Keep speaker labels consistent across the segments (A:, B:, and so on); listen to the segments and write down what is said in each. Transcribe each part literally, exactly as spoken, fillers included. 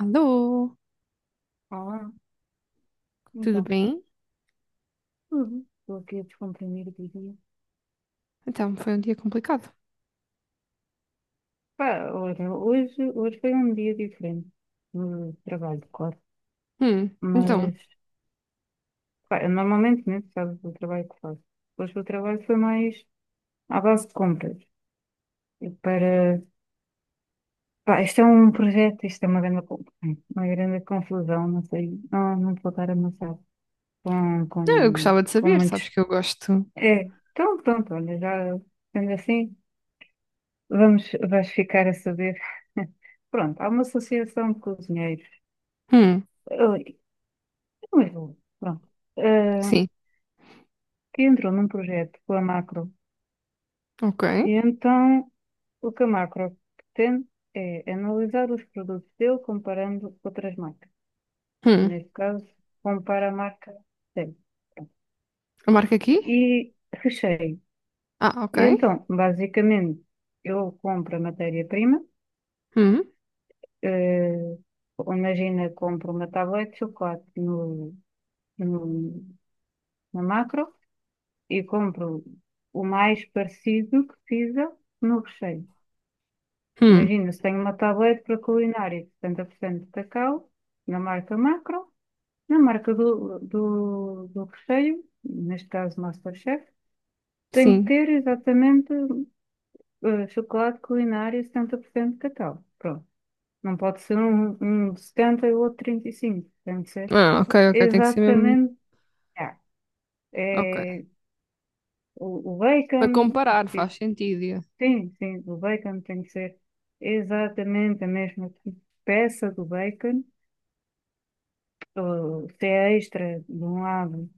A: Alô,
B: Olá,
A: tudo
B: então,
A: bem?
B: tudo. Estou aqui a descomprimir o dia.
A: Então, foi um dia complicado.
B: Pá, olha, hoje, hoje foi um dia diferente no trabalho, claro.
A: Hum, então,
B: Mas, pá, eu normalmente, né, tu sabes o trabalho que faço. Hoje o trabalho foi mais à base de compras. E para, pá, isto é um projeto, isto é uma grande, con- uma grande confusão, não sei, não, não vou estar amassado com,
A: não, eu
B: com,
A: gostava de
B: com
A: saber, sabes
B: muitos.
A: que eu gosto.
B: É, então pronto, olha, já sendo assim. Vamos, vais ficar a saber. Pronto, há uma associação de cozinheiros,
A: Hum,
B: eh, não é pronto, eh,
A: sim,
B: que entrou num projeto com a Macro.
A: ok.
B: E então o que a Macro pretende é analisar os produtos dele comparando com outras marcas. E,
A: Hum,
B: neste caso, compara a marca dele. Pronto.
A: eu marco aqui?
B: E Recheio.
A: Ah, ok.
B: E então, basicamente, eu compro a matéria-prima.
A: Hum,
B: eh, imagina, compro uma tablete de chocolate no, no- na Macro e compro o mais parecido que fizer no Recheio.
A: hum,
B: Imagina, se tenho uma tablete para culinária de setenta por cento de cacau, na marca Macro, na marca do, do, do Recheio, neste caso MasterChef, tenho que
A: sim.
B: ter exatamente eh, chocolate culinário setenta por cento de cacau. Pronto. Não pode ser um, um setenta e o outro trinta e cinco. Tem que ser
A: Ah, ok, ok, tem que ser mesmo.
B: exatamente. Ah,
A: Ok.
B: é. O, o
A: Para
B: bacon,
A: comparar, faz
B: tipo,
A: sentido. Yeah.
B: sim, sim, o bacon tem que ser exatamente a mesma peça do bacon, ou se é extra de um lado,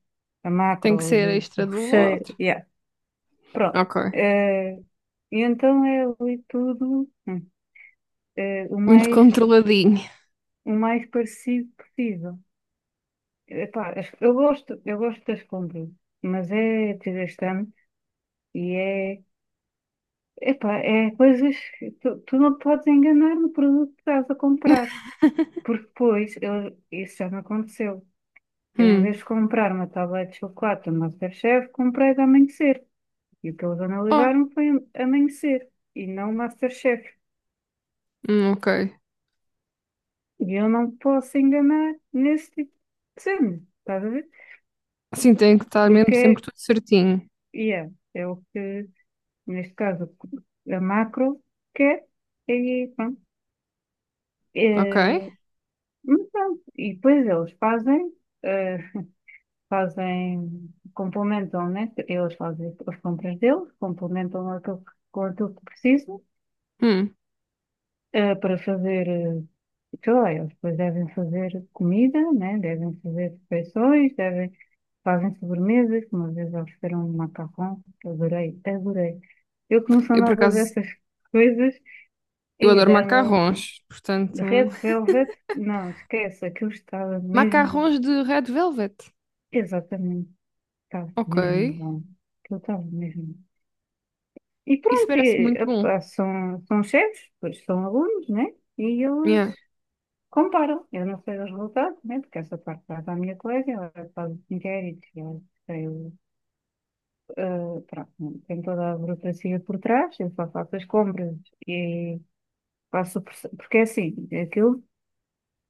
B: a
A: Tem
B: Macro
A: que
B: ou
A: ser
B: do, do
A: extra do
B: Recheio,
A: outro.
B: yeah, pronto.
A: Ok.
B: Eh, e então é ali tudo hum, eh, o
A: Muito
B: mais,
A: controladinho.
B: o mais parecido possível. Epá, as- eu gosto, eu gosto das compras, mas é desgastante e é. Epá, é coisas que tu, tu não te podes enganar no produto que estás a comprar, porque depois eu- isso já me aconteceu. Eu, em
A: Hum,
B: vez de comprar uma tablet de chocolate do MasterChef, comprei de Amanhecer. E o que eles
A: oh,
B: analisaram foi Amanhecer e não MasterChef.
A: hum, ok.
B: E eu não posso enganar nesse tipo de cena, estás a ver?
A: Sim, tem que estar mesmo sempre
B: Porque
A: tudo certinho.
B: yeah, é o que, neste caso, a Macro quer, e pronto.
A: Ok?
B: eh, Mas pronto, e depois eles fazem, eh, fazem, complementam, né? Eles fazem as compras deles, complementam aquilo, que- com aquilo que precisam,
A: Hum,
B: eh, para fazer, eh, sei lá, eles depois devem fazer comida, né? Devem fazer refeições, devem, fazem sobremesas, uma vezes eles fizeram um macarrão, que adorei, adorei. Eu que não sou
A: eu por
B: nada
A: acaso.
B: dessas coisas,
A: Eu
B: e
A: adoro
B: deram
A: macarrons,
B: um
A: portanto.
B: Red Velvet, não, esquece, aquilo estava mesmo
A: Macarrons de Red Velvet.
B: exatamente. Estava
A: Ok.
B: mesmo bom. Aquilo estava mesmo. E
A: Isso
B: pronto, e,
A: parece muito bom.
B: epá, são, são chefes, pois são alunos, né? E eles
A: Yeah.
B: comparam. Eu não sei os resultados, né? Porque essa parte vai para a minha colega, ela faz os inquéritos, e ela tem, o- ah, pronto, tem toda a burocracia por trás, eu só faço as compras e faço. o proce- Porque é assim, é aquilo,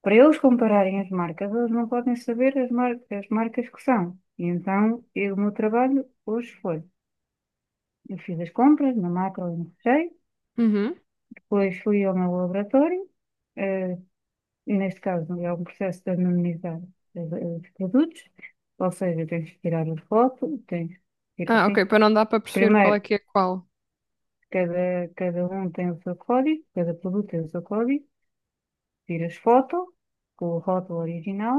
B: para eles compararem as marcas, eles não podem saber as marcas, as marcas que são. E então, eu- o meu trabalho hoje foi. Eu fiz as compras na Macro e no Recheio.
A: Uhum.
B: Depois fui ao meu laboratório, eh, e neste caso é um processo de anonimizar eh, os produtos, ou seja, tens que tirar a foto, tens que tirar
A: Ah,
B: assim.
A: ok. Para não dar para perceber qual é
B: Primeiro,
A: que é qual.
B: cada, cada um tem o seu código, cada produto tem o seu código, tiras foto com o rótulo original,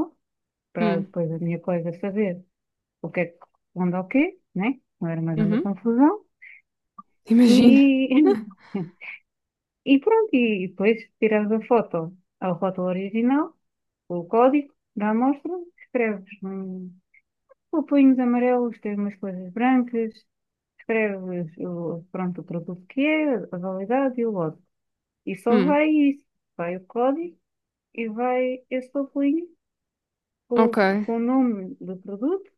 B: para
A: Hum.
B: depois a minha colega saber o que é que corresponde ao quê, né? Não era mais uma
A: Uhum.
B: confusão.
A: Imagina.
B: E, e pronto, e depois tiras a foto, a foto original, o código da amostra, escreves hum, copinhos amarelos, tem umas coisas brancas, escreves o, pronto, o produto que é, a validade e o lote. E só
A: Hum.
B: vai isso, vai o código e vai esse papelinho com, o-
A: Ok.
B: com o nome do produto,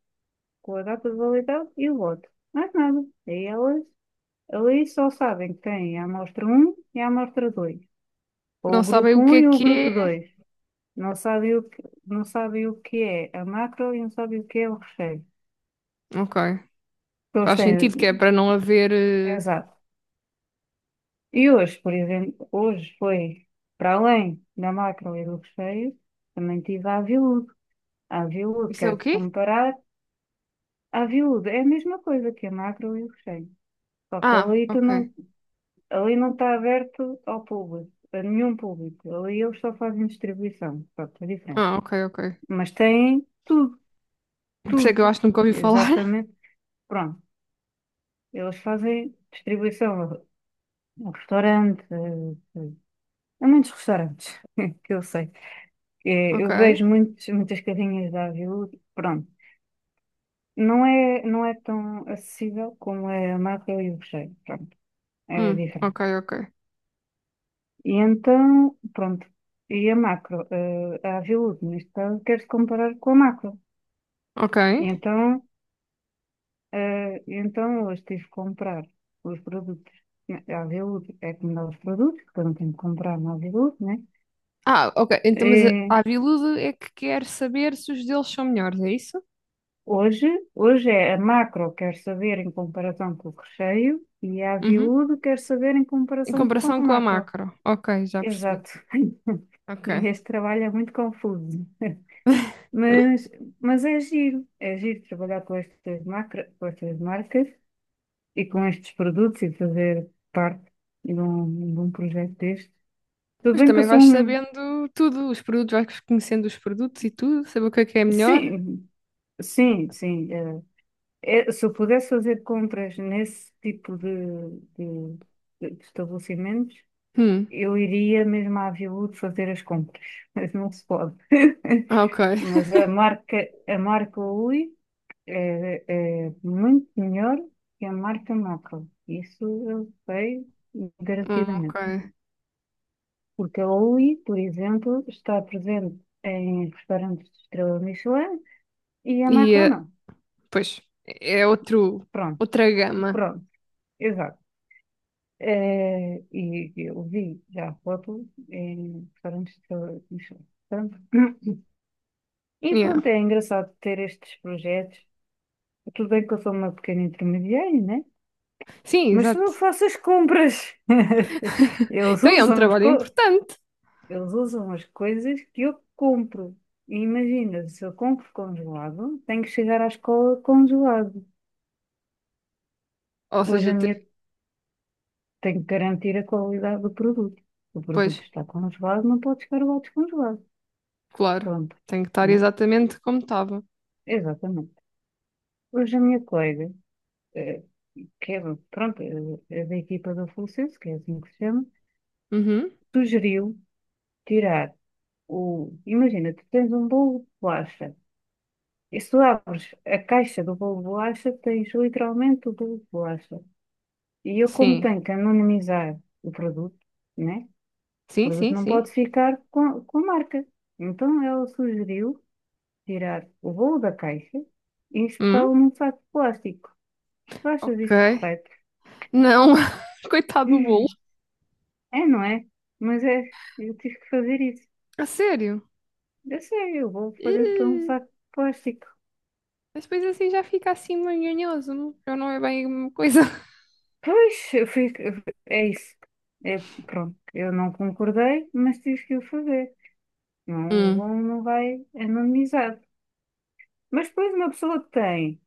B: com a data de validade e o lote. Mais nada. Aí elas ali só sabem que tem a amostra um e a amostra dois,
A: Não
B: ou o
A: sabem
B: grupo
A: o que
B: um
A: é
B: e o grupo
A: que
B: dois. Não sabem o que, não sabem o que é a Macro e não sabem o que é o Recheio.
A: é. Ok.
B: Eles
A: Faz
B: têm,
A: sentido que é para não haver. eh,
B: exato. E hoje, por exemplo, hoje foi para além da Macro e do Recheio, também tive a Aviúde. A Aviúde,
A: Isso é o
B: quero
A: quê?
B: comparar, a Aviúde é a mesma coisa que a Macro e o Recheio. Só que
A: Ah,
B: ali, tu
A: ok.
B: não, ali não está aberto ao público, a nenhum público. Ali eles só fazem distribuição, pronto, é diferente.
A: Ah, ok, ok.
B: Mas têm tudo,
A: Por isso é
B: tudo,
A: que eu acho que nunca ouvi falar.
B: exatamente. Pronto. Eles fazem distribuição no restaurante, eh, há muitos restaurantes que eu sei. Eh,
A: Ok.
B: Eu vejo muitos, muitas carrinhas da Aviú, pronto. Não é, não é tão acessível como é a Macro e o Recheio, pronto, é
A: Hum. Ok,
B: diferente.
A: ok.
B: E então, pronto, e a Macro, eh, a Aviú, neste caso, quer-se comparar com a Macro.
A: Ok.
B: E então, eh, e então eu estive a comprar os produtos. Né, a Aviú é como dá os produtos, portanto tenho que comprar na Aviú, né?
A: Ah, ok. Então, mas a
B: Eh,
A: a Aviludo é que quer saber se os deles são melhores, é isso?
B: hoje, hoje é a Macro, quer saber em comparação com o Recheio, e a
A: Uhum.
B: Viúdo quer saber em
A: Em
B: comparação com o
A: comparação com a
B: Macro.
A: macro. Ok, já percebi.
B: Exato. E
A: Ok.
B: este trabalho é muito confuso, mas, mas é giro, é giro, trabalhar com estas, macro, com estas marcas e com estes produtos e fazer parte de um, de um projeto deste. Tudo
A: Pois
B: bem que eu
A: também
B: sou
A: vais
B: um.
A: sabendo tudo, os produtos, vais conhecendo os produtos e tudo, saber o que é que é melhor.
B: Sim, sim, sim. eh, Eh, se eu pudesse fazer compras nesse tipo de, de- de estabelecimentos,
A: Hum,
B: eu iria mesmo à Aviaúd fazer as compras, mas não se pode.
A: ah, ok.
B: Mas a marca, a marca Ui é, é muito melhor que a marca Macro. Isso eu sei
A: Hum, ok.
B: garantidamente. Porque a Ui, por exemplo, está presente em restaurantes de estrela Michelin e a
A: E,
B: Macro
A: eh,
B: não.
A: pois, é outro,
B: Pronto,
A: outra gama.
B: pronto, exato. É, e eu vi já a foto em restaurantes de Michelin. E
A: Yeah.
B: pronto, é engraçado ter estes projetos. Tudo bem que eu sou uma pequena intermediária, né?
A: Sim,
B: Mas sou
A: exato.
B: eu que faço as compras. Eles
A: Então é um
B: usam as,
A: trabalho
B: co-
A: importante.
B: eles usam as coisas que eu compro. E imagina, se eu compro congelado, tenho que chegar à escola congelado.
A: Ou
B: Hoje
A: seja,
B: a
A: te-
B: minha tenho que garantir a qualidade do produto. O produto
A: pois,
B: está congelado, não pode chegar lá descongelado.
A: claro,
B: Pronto,
A: tem que estar
B: né?
A: exatamente como estava.
B: Exatamente. Hoje a minha colega, eh, que é, pronto, eh, da equipa do Fulcense, que é assim que se chama,
A: Uhum,
B: sugeriu tirar o. Imagina, tu tens um bolo de bolacha. E se tu abres a caixa do bolo de bolacha, tens literalmente o bolo de bolacha. E eu, como
A: sim.
B: tenho que anonimizar o produto, né? O
A: Sim,
B: produto
A: sim,
B: não
A: sim.
B: pode ficar com, com a marca. Então ela sugeriu tirar o bolo da caixa e
A: Hum,
B: injetá-lo num saco de plástico. Tu achas isto
A: ok.
B: correto?
A: Não, coitado do bolo.
B: Hum, é, não é? Mas é, eu tive que fazer isso.
A: A sério?
B: Eu sei, eu vou fazer para um
A: Ih,
B: saco de plástico.
A: mas depois assim já fica assim manhonhoso, não já não é bem uma coisa.
B: Pois, eu fiz, eu- é isso. É, pronto, eu não concordei, mas tive que o fazer. Não, o
A: Hum,
B: bom não vai anonimizado. Mas depois uma pessoa que tem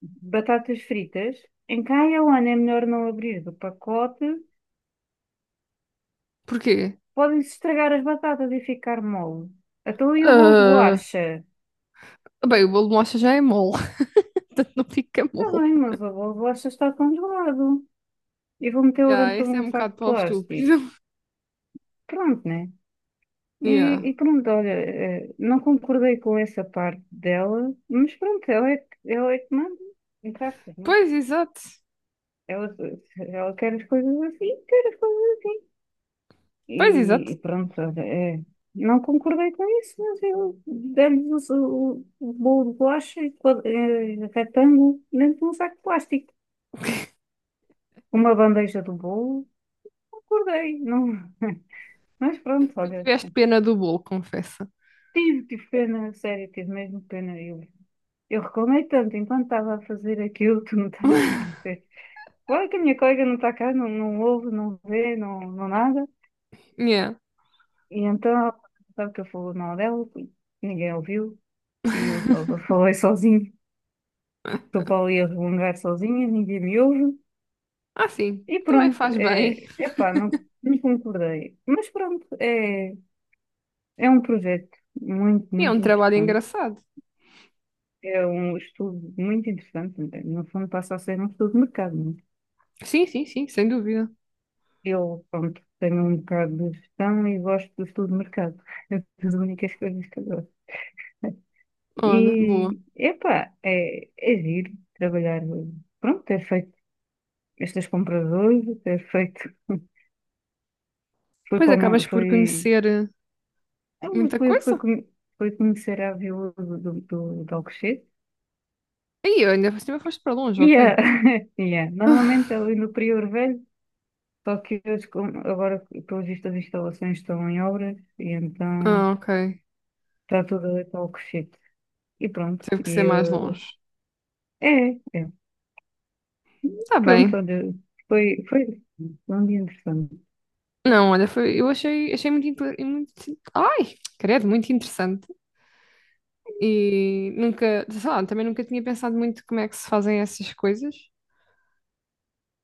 B: batatas fritas, em quem o ano é melhor não abrir do pacote,
A: porquê?
B: podem-se estragar as batatas e ficar mole. Então e o bolo de
A: Ah,
B: bolacha?
A: bem, o bolo de mocha já é mole, portanto não fica
B: Está
A: mole.
B: bem, mas o bolo de bolacha está congelado, e vou metê-lo
A: Yeah,
B: dentro de
A: esse é
B: um
A: um
B: saco
A: bocado
B: de
A: para o estúpido.
B: plástico. Pronto, né?
A: Yeah.
B: E, e pronto, olha, eh, não concordei com essa parte dela, mas pronto, ela é, que- ela é que manda, entre aspas, né?
A: Pois, exato.
B: Ela, ela quer as coisas assim, quer as coisas assim.
A: Pois, exato.
B: E, e pronto, olha, é, não concordei com isso, mas eu demos o, o o bolo de bolacha e quad- eh, retângulo dentro de um saco de plástico. Uma bandeja do bolo, concordei, não. Mas pronto,
A: Tu
B: olha.
A: tiveste pena do bolo, confessa.
B: Tive, tive pena, a sério, tive mesmo pena. Eu, eu reclamei tanto enquanto estava a fazer aquilo, tu não estás a ver. Claro que a minha colega não está cá, não, não ouve, não vê, não, não nada.
A: Yeah.
B: E então, sabe que eu falo mal dela, ninguém ouviu, e eu só falei sozinho. Estou para ali a resmungar sozinha, ninguém me ouve.
A: Ah, sim.
B: E
A: Também
B: pronto,
A: faz bem.
B: é, epá, não, não concordei. Mas pronto, é, é, um projeto muito,
A: E é um
B: muito
A: trabalho
B: interessante.
A: engraçado.
B: É um estudo muito interessante, não é? No fundo passa a ser um estudo de mercado. Não é?
A: Sim, sim, sim, sem dúvida.
B: Eu, pronto, tenho um bocado de gestão e gosto do estudo de mercado. É das únicas coisas que eu gosto.
A: Olha, boa.
B: E, epá, é, é giro trabalhar, pronto, ter feito estas compras hoje, ter feito, foi
A: Depois
B: para uma,
A: acabas por
B: foi,
A: conhecer eh,
B: foi,
A: muita
B: foi, foi,
A: coisa.
B: con- foi conhecer a viúva do, do, do, do Alcochete.
A: Aí, ainda por cima foste para longe,
B: E
A: ok.
B: a- e a- normalmente ali no Prior Velho. Só que eu descom- agora, pelo visto, as instalações estão em obras e então
A: Ah, ok.
B: está tudo ali para o Cochete. E pronto.
A: Teve que
B: E
A: ser mais
B: eu...
A: longe.
B: É, é.
A: Tá
B: Pronto,
A: bem.
B: olha, foi, foi, um dia interessante.
A: Não, olha, foi, eu achei, achei muito, inte- e muito. Ai, credo, muito interessante. E nunca, sei lá, também nunca tinha pensado muito como é que se fazem essas coisas,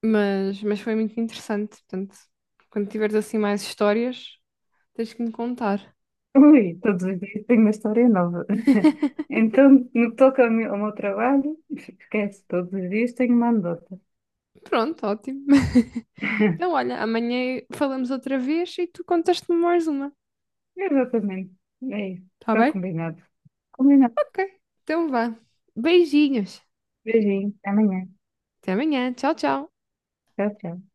A: mas, mas foi muito interessante. Portanto, quando tiveres assim mais histórias, tens que me contar.
B: Ui, todos os dias tenho uma história nova. Então, no que toca ao meu, ao meu trabalho, esquece, todos os dias tenho uma anedota.
A: Pronto, ótimo. Então, olha, amanhã falamos outra vez e tu contas-me mais uma,
B: Exatamente. É isso.
A: tá
B: Está
A: bem?
B: combinado. Combinado.
A: Ok, então vá. Beijinhos.
B: Beijinho. Até amanhã.
A: Até amanhã. Tchau, tchau.
B: Tchau, tchau.